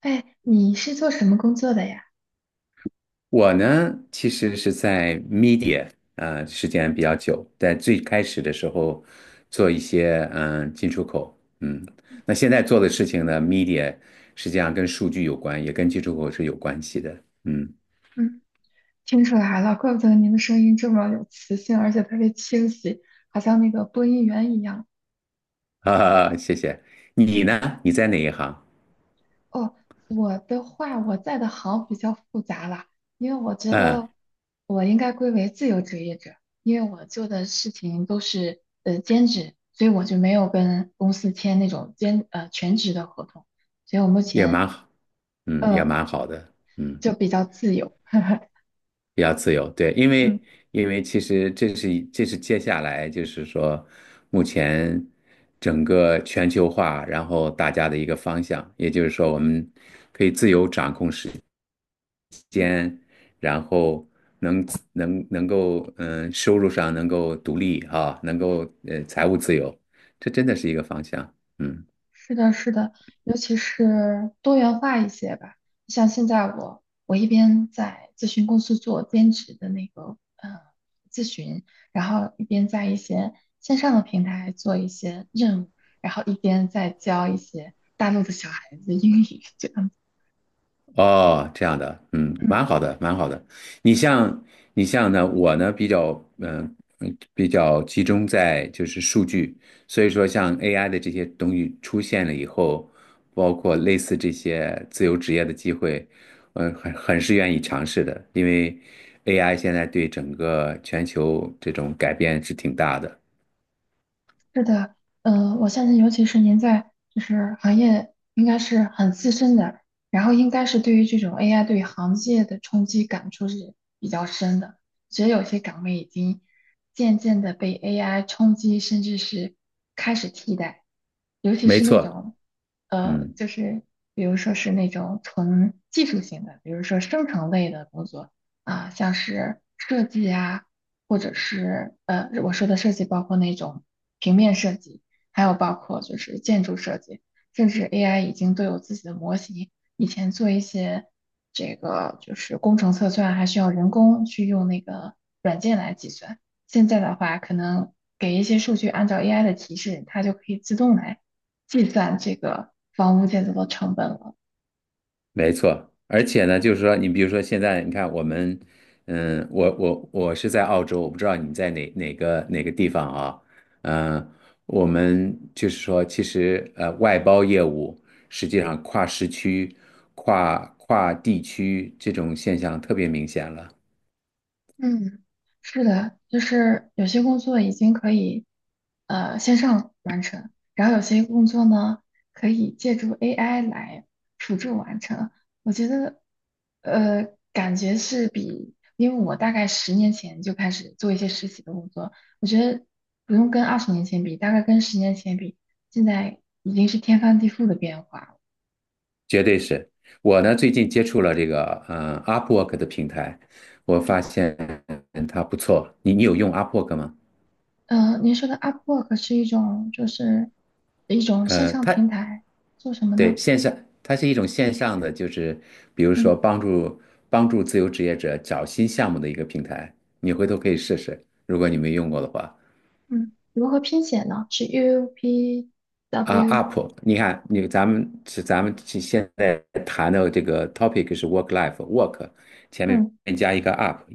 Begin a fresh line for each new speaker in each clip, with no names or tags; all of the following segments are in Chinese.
哎，你是做什么工作的呀？
我呢，其实是在 media 啊、时间比较久，在最开始的时候做一些进出口，那现在做的事情呢，media 实际上跟数据有关，也跟进出口是有关系的，
嗯，听出来了，怪不得您的声音这么有磁性，而且特别清晰，好像那个播音员一样。
啊，谢谢。你呢？你在哪一行？
哦，我的话，我在的行比较复杂啦，因为我觉
嗯，
得我应该归为自由职业者，因为我做的事情都是兼职，所以我就没有跟公司签那种全职的合同，所以我目
也
前
蛮好，也
呃
蛮好的，嗯。
就比较自由。
比较自由，对，因为
嗯，
因为其实这是接下来就是说，目前整个全球化，然后大家的一个方向，也就是说我们可以自由掌控时间，然后能能够收入上能够独立啊，能够财务自由，这真的是一个方向，嗯。
是的，是的，尤其是多元化一些吧。像现在我一边在咨询公司做兼职的那个咨询，然后一边在一些线上的平台做一些任务，然后一边在教一些大陆的小孩子英语，这样子。
哦，这样的，蛮
嗯，
好的，蛮好的。你像你像呢，我呢比较嗯、比较集中在就是数据，所以说像 AI 的这些东西出现了以后，包括类似这些自由职业的机会，很是愿意尝试的，因为 AI 现在对整个全球这种改变是挺大的。
是的，我相信，尤其是您在就是行业应该是很资深的，然后应该是对于这种 AI 对行业的冲击感触是比较深的。其实有些岗位已经渐渐的被 AI 冲击，甚至是开始替代，尤其
没
是那
错，
种
嗯。
就是比如说是那种纯技术型的，比如说生成类的工作啊，像是设计啊。或者是我说的设计包括那种平面设计，还有包括就是建筑设计，甚至 AI 已经都有自己的模型。以前做一些这个就是工程测算，还需要人工去用那个软件来计算。现在的话，可能给一些数据，按照 AI 的提示，它就可以自动来计算这个房屋建造的成本了。
没错，而且呢，就是说，你比如说现在，你看我们，我是在澳洲，我不知道你在哪个地方啊，嗯，我们就是说，其实外包业务实际上跨时区、跨地区这种现象特别明显了，
嗯，是的，就是有些工作已经可以线上完成，然后有些工作呢可以借助 AI 来辅助完成。我觉得呃感觉是比，因为我大概十年前就开始做一些实习的工作，我觉得不用跟20年前比，大概跟十年前比，现在已经是天翻地覆的变化了。
绝对是。我呢最近接触了这个Upwork 的平台，我
嗯，
发现它不错，你有用 Upwork 吗？
您说的 Upwork 是一种线
呃，
上
它。
平台，做什么
对，
呢？
线上，它是一种线上的，就是比如说
嗯
帮助自由职业者找新项目的一个平台，你回头可以试试，如果你没用过的话。
嗯，如何拼写呢？是 U P
啊
W，
，Up，你看，你咱们是咱们是现在谈的这个 topic 是 work life work，前
嗯
面加一个 up，up，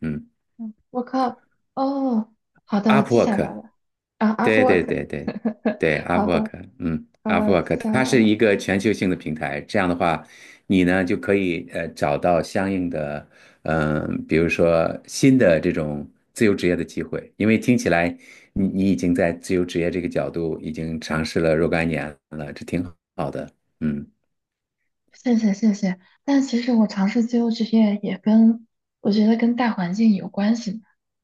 嗯
嗯，work up。哦，好的，我记下来
，Upwork，
了。啊，up
对，对，
work。
对，对， 对
好
，Upwork，
的，好了，记
Upwork，
下
它
来
是
了。
一个全球性的平台。这样的话，你呢就可以找到相应的，比如说新的这种自由职业的机会。因为听起来你已经在自由职业这个角度已经尝试了若干年了，这挺好的。嗯，
谢谢谢谢，但其实我尝试自由职业也跟我觉得跟大环境有关系嘛，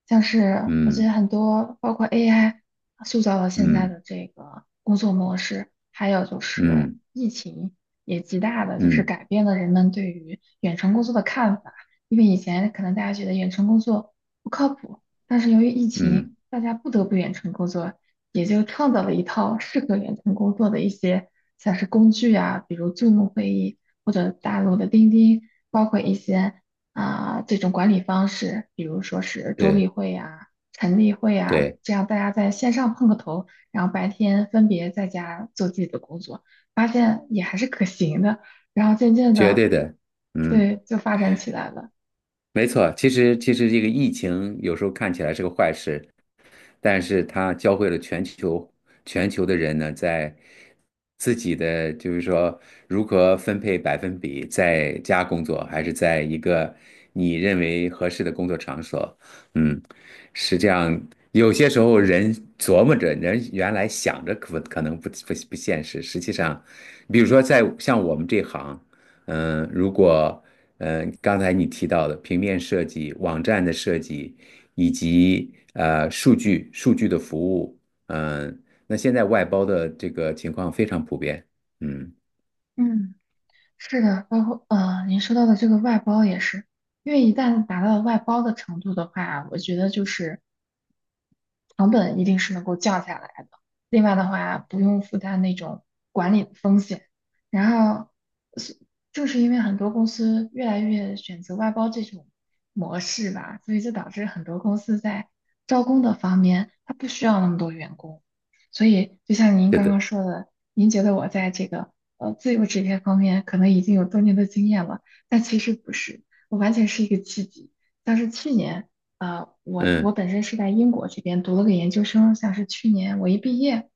像是我觉得
嗯，
很多包括 AI 塑造了现在
嗯，
的这个工作模式，还有就是
嗯，
疫情也极大的就
嗯，
是
嗯，
改变了人们对于远程工作的看法，因为以前可能大家觉得远程工作不靠谱，但是由于疫情，
嗯，
大家不得不远程工作，也就创造了一套适合远程工作的一些像是工具啊，比如 Zoom 会议或者大陆的钉钉，包括一些啊、这种管理方式，比如说是周例
对，
会呀、晨例会啊，
对，
这样大家在线上碰个头，然后白天分别在家做自己的工作，发现也还是可行的，然后渐渐
绝
的，
对的，嗯。
对，就发展起来了。
没错，其实这个疫情有时候看起来是个坏事，但是它教会了全球的人呢，在自己的就是说如何分配百分比，在家工作还是在一个你认为合适的工作场所，嗯，实际上有些时候人琢磨着，人原来想着可能不现实，实际上，比如说在像我们这行。如果刚才你提到的平面设计、网站的设计，以及数据的服务，那现在外包的这个情况非常普遍。嗯，
嗯。是的，包括您说到的这个外包也是，因为一旦达到外包的程度的话，我觉得就是成本一定是能够降下来的。另外的话，不用负担那种管理的风险。然后，是正是因为很多公司越来越选择外包这种模式吧，所以就导致很多公司在招工的方面，它不需要那么多员工。所以，就像您
对
刚
的，
刚说的，您觉得我在这个自由职业方面可能已经有多年的经验了，但其实不是，我完全是一个契机。像是去年。我
嗯，
本身是在英国这边读了个研究生，像是去年我一毕业，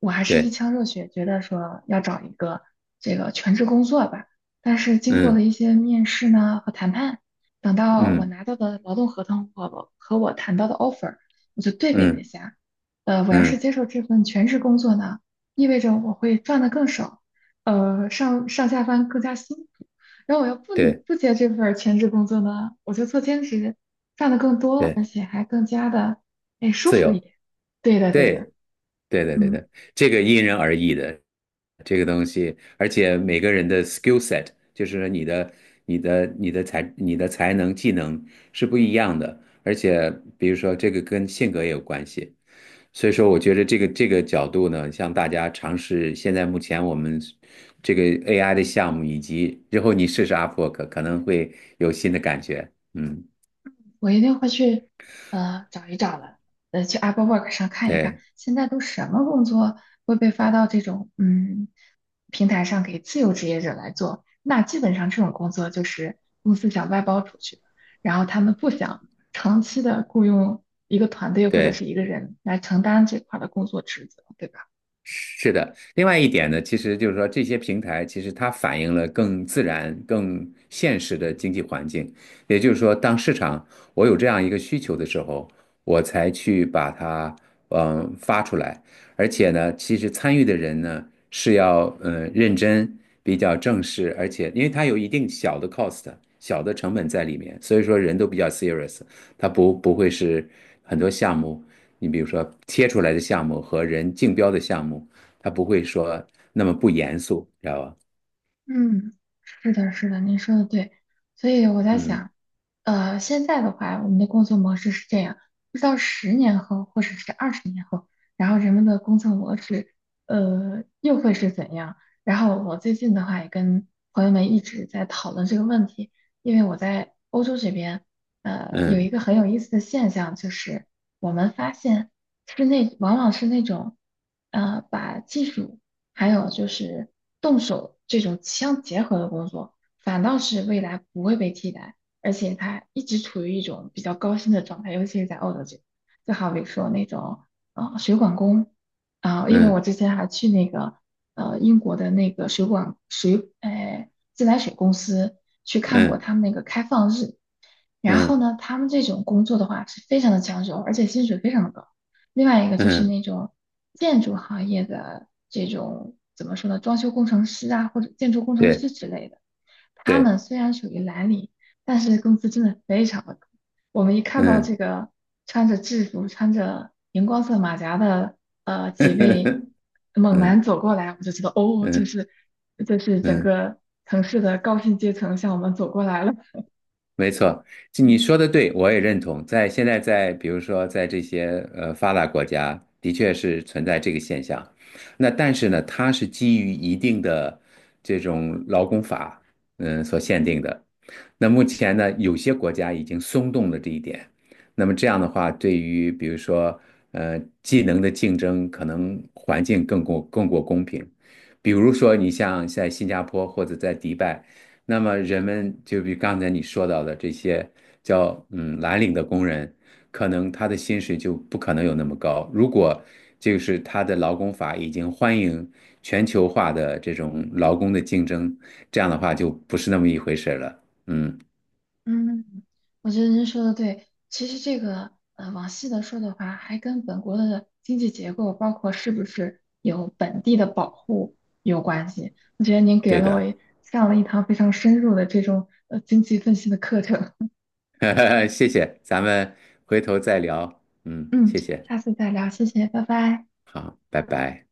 我还是一
对，
腔热血，觉得说要找一个这个全职工作吧。但是经过了
嗯，
一些面试呢和谈判，等到我
嗯，
拿到的劳动合同和我谈到的 offer，我就对比了一
嗯，
下，我要是
嗯，
接受这份全职工作呢，意味着我会赚的更少，上上下班更加辛苦。然后我要不
对，
不接这份儿全职工作呢，我就做兼职，赚的更多，
对，
而且还更加的哎舒
自
服一
由，
点。对的，对的，
对。对，对，对，
嗯，
对，这个因人而异的，这个东西，而且每个人的 skill set，就是你的才能、技能是不一样的，而且比如说这个跟性格也有关系，所以说我觉得这个角度呢，向大家尝试现在目前我们这个 AI 的项目，以及之后你试试 Upwork，可能会有新的感觉。嗯，
我一定会去找一找的，去 Apple Work 上看一看，
对，
现在都什么工作会被发到这种平台上给自由职业者来做？那基本上这种工作就是公司想外包出去的，然后他们不想长期的雇佣一个团队或者是
对。
一个人来承担这块儿的工作职责，对吧？
是的，另外一点呢，其实就是说这些平台其实它反映了更自然、更现实的经济环境。也就是说，当市场我有这样一个需求的时候，我才去把它发出来。而且呢，其实参与的人呢是要认真、比较正式，而且因为它有一定小的 cost、小的成本在里面，所以说人都比较 serious，它不会是很多项目。你比如说贴出来的项目和人竞标的项目，他不会说那么不严肃，知道吧？
嗯，是的，是的，您说的对，所以我在
嗯，
想，现在的话，我们的工作模式是这样，不知道十年后或者是20年后，然后人们的工作模式，又会是怎样？然后我最近的话也跟朋友们一直在讨论这个问题，因为我在欧洲这边，有一
嗯，
个很有意思的现象，就是我们发现往往是那种，把技术。还有就是动手这种相结合的工作，反倒是未来不会被替代，而且它一直处于一种比较高薪的状态，尤其是在澳洲这边。就好比说那种水管工啊、因为我
嗯，
之前还去那个英国的那个水管自来水公司去看过
嗯，
他们那个开放日，然后
嗯，
呢，他们这种工作的话是非常的抢手，而且薪水非常的高。另外一个就
嗯，
是
嗯，
那种建筑行业的这种怎么说呢，装修工程师啊，或者建筑工程
对，
师之类的，他
对，
们虽然属于蓝领，但是工资真的非常的高。我们一看到这
嗯
个穿着制服、穿着荧光色马甲的几位 猛男
嗯，
走过来，我就知道哦，这
嗯，
是这是整
嗯。
个城市的高薪阶层向我们走过来了。
没错，就你
嗯
说的对，我也认同。在现在在，比如说在这些发达国家，的确是存在这个现象。那但是呢，它是基于一定的这种劳工法，所限定的。那目前呢，有些国家已经松动了这一点。那么这样的话，对于比如说技能的竞争，可能环境更过公平。比如说，你像在新加坡或者在迪拜。那么人们就比刚才你说到的这些叫蓝领的工人，可能他的薪水就不可能有那么高。如果就是他的劳工法已经欢迎全球化的这种劳工的竞争，这样的话就不是那么一回事了。嗯，
嗯，我觉得您说的对。其实这个，往细的说的话，还跟本国的经济结构，包括是不是有本地的保护有关系。我觉得您给
对
了我
的，
一上了一堂非常深入的这种经济分析的课程。
谢谢，咱们回头再聊。嗯，
嗯，
谢谢，
下次再聊，谢谢，拜拜。
好，拜拜。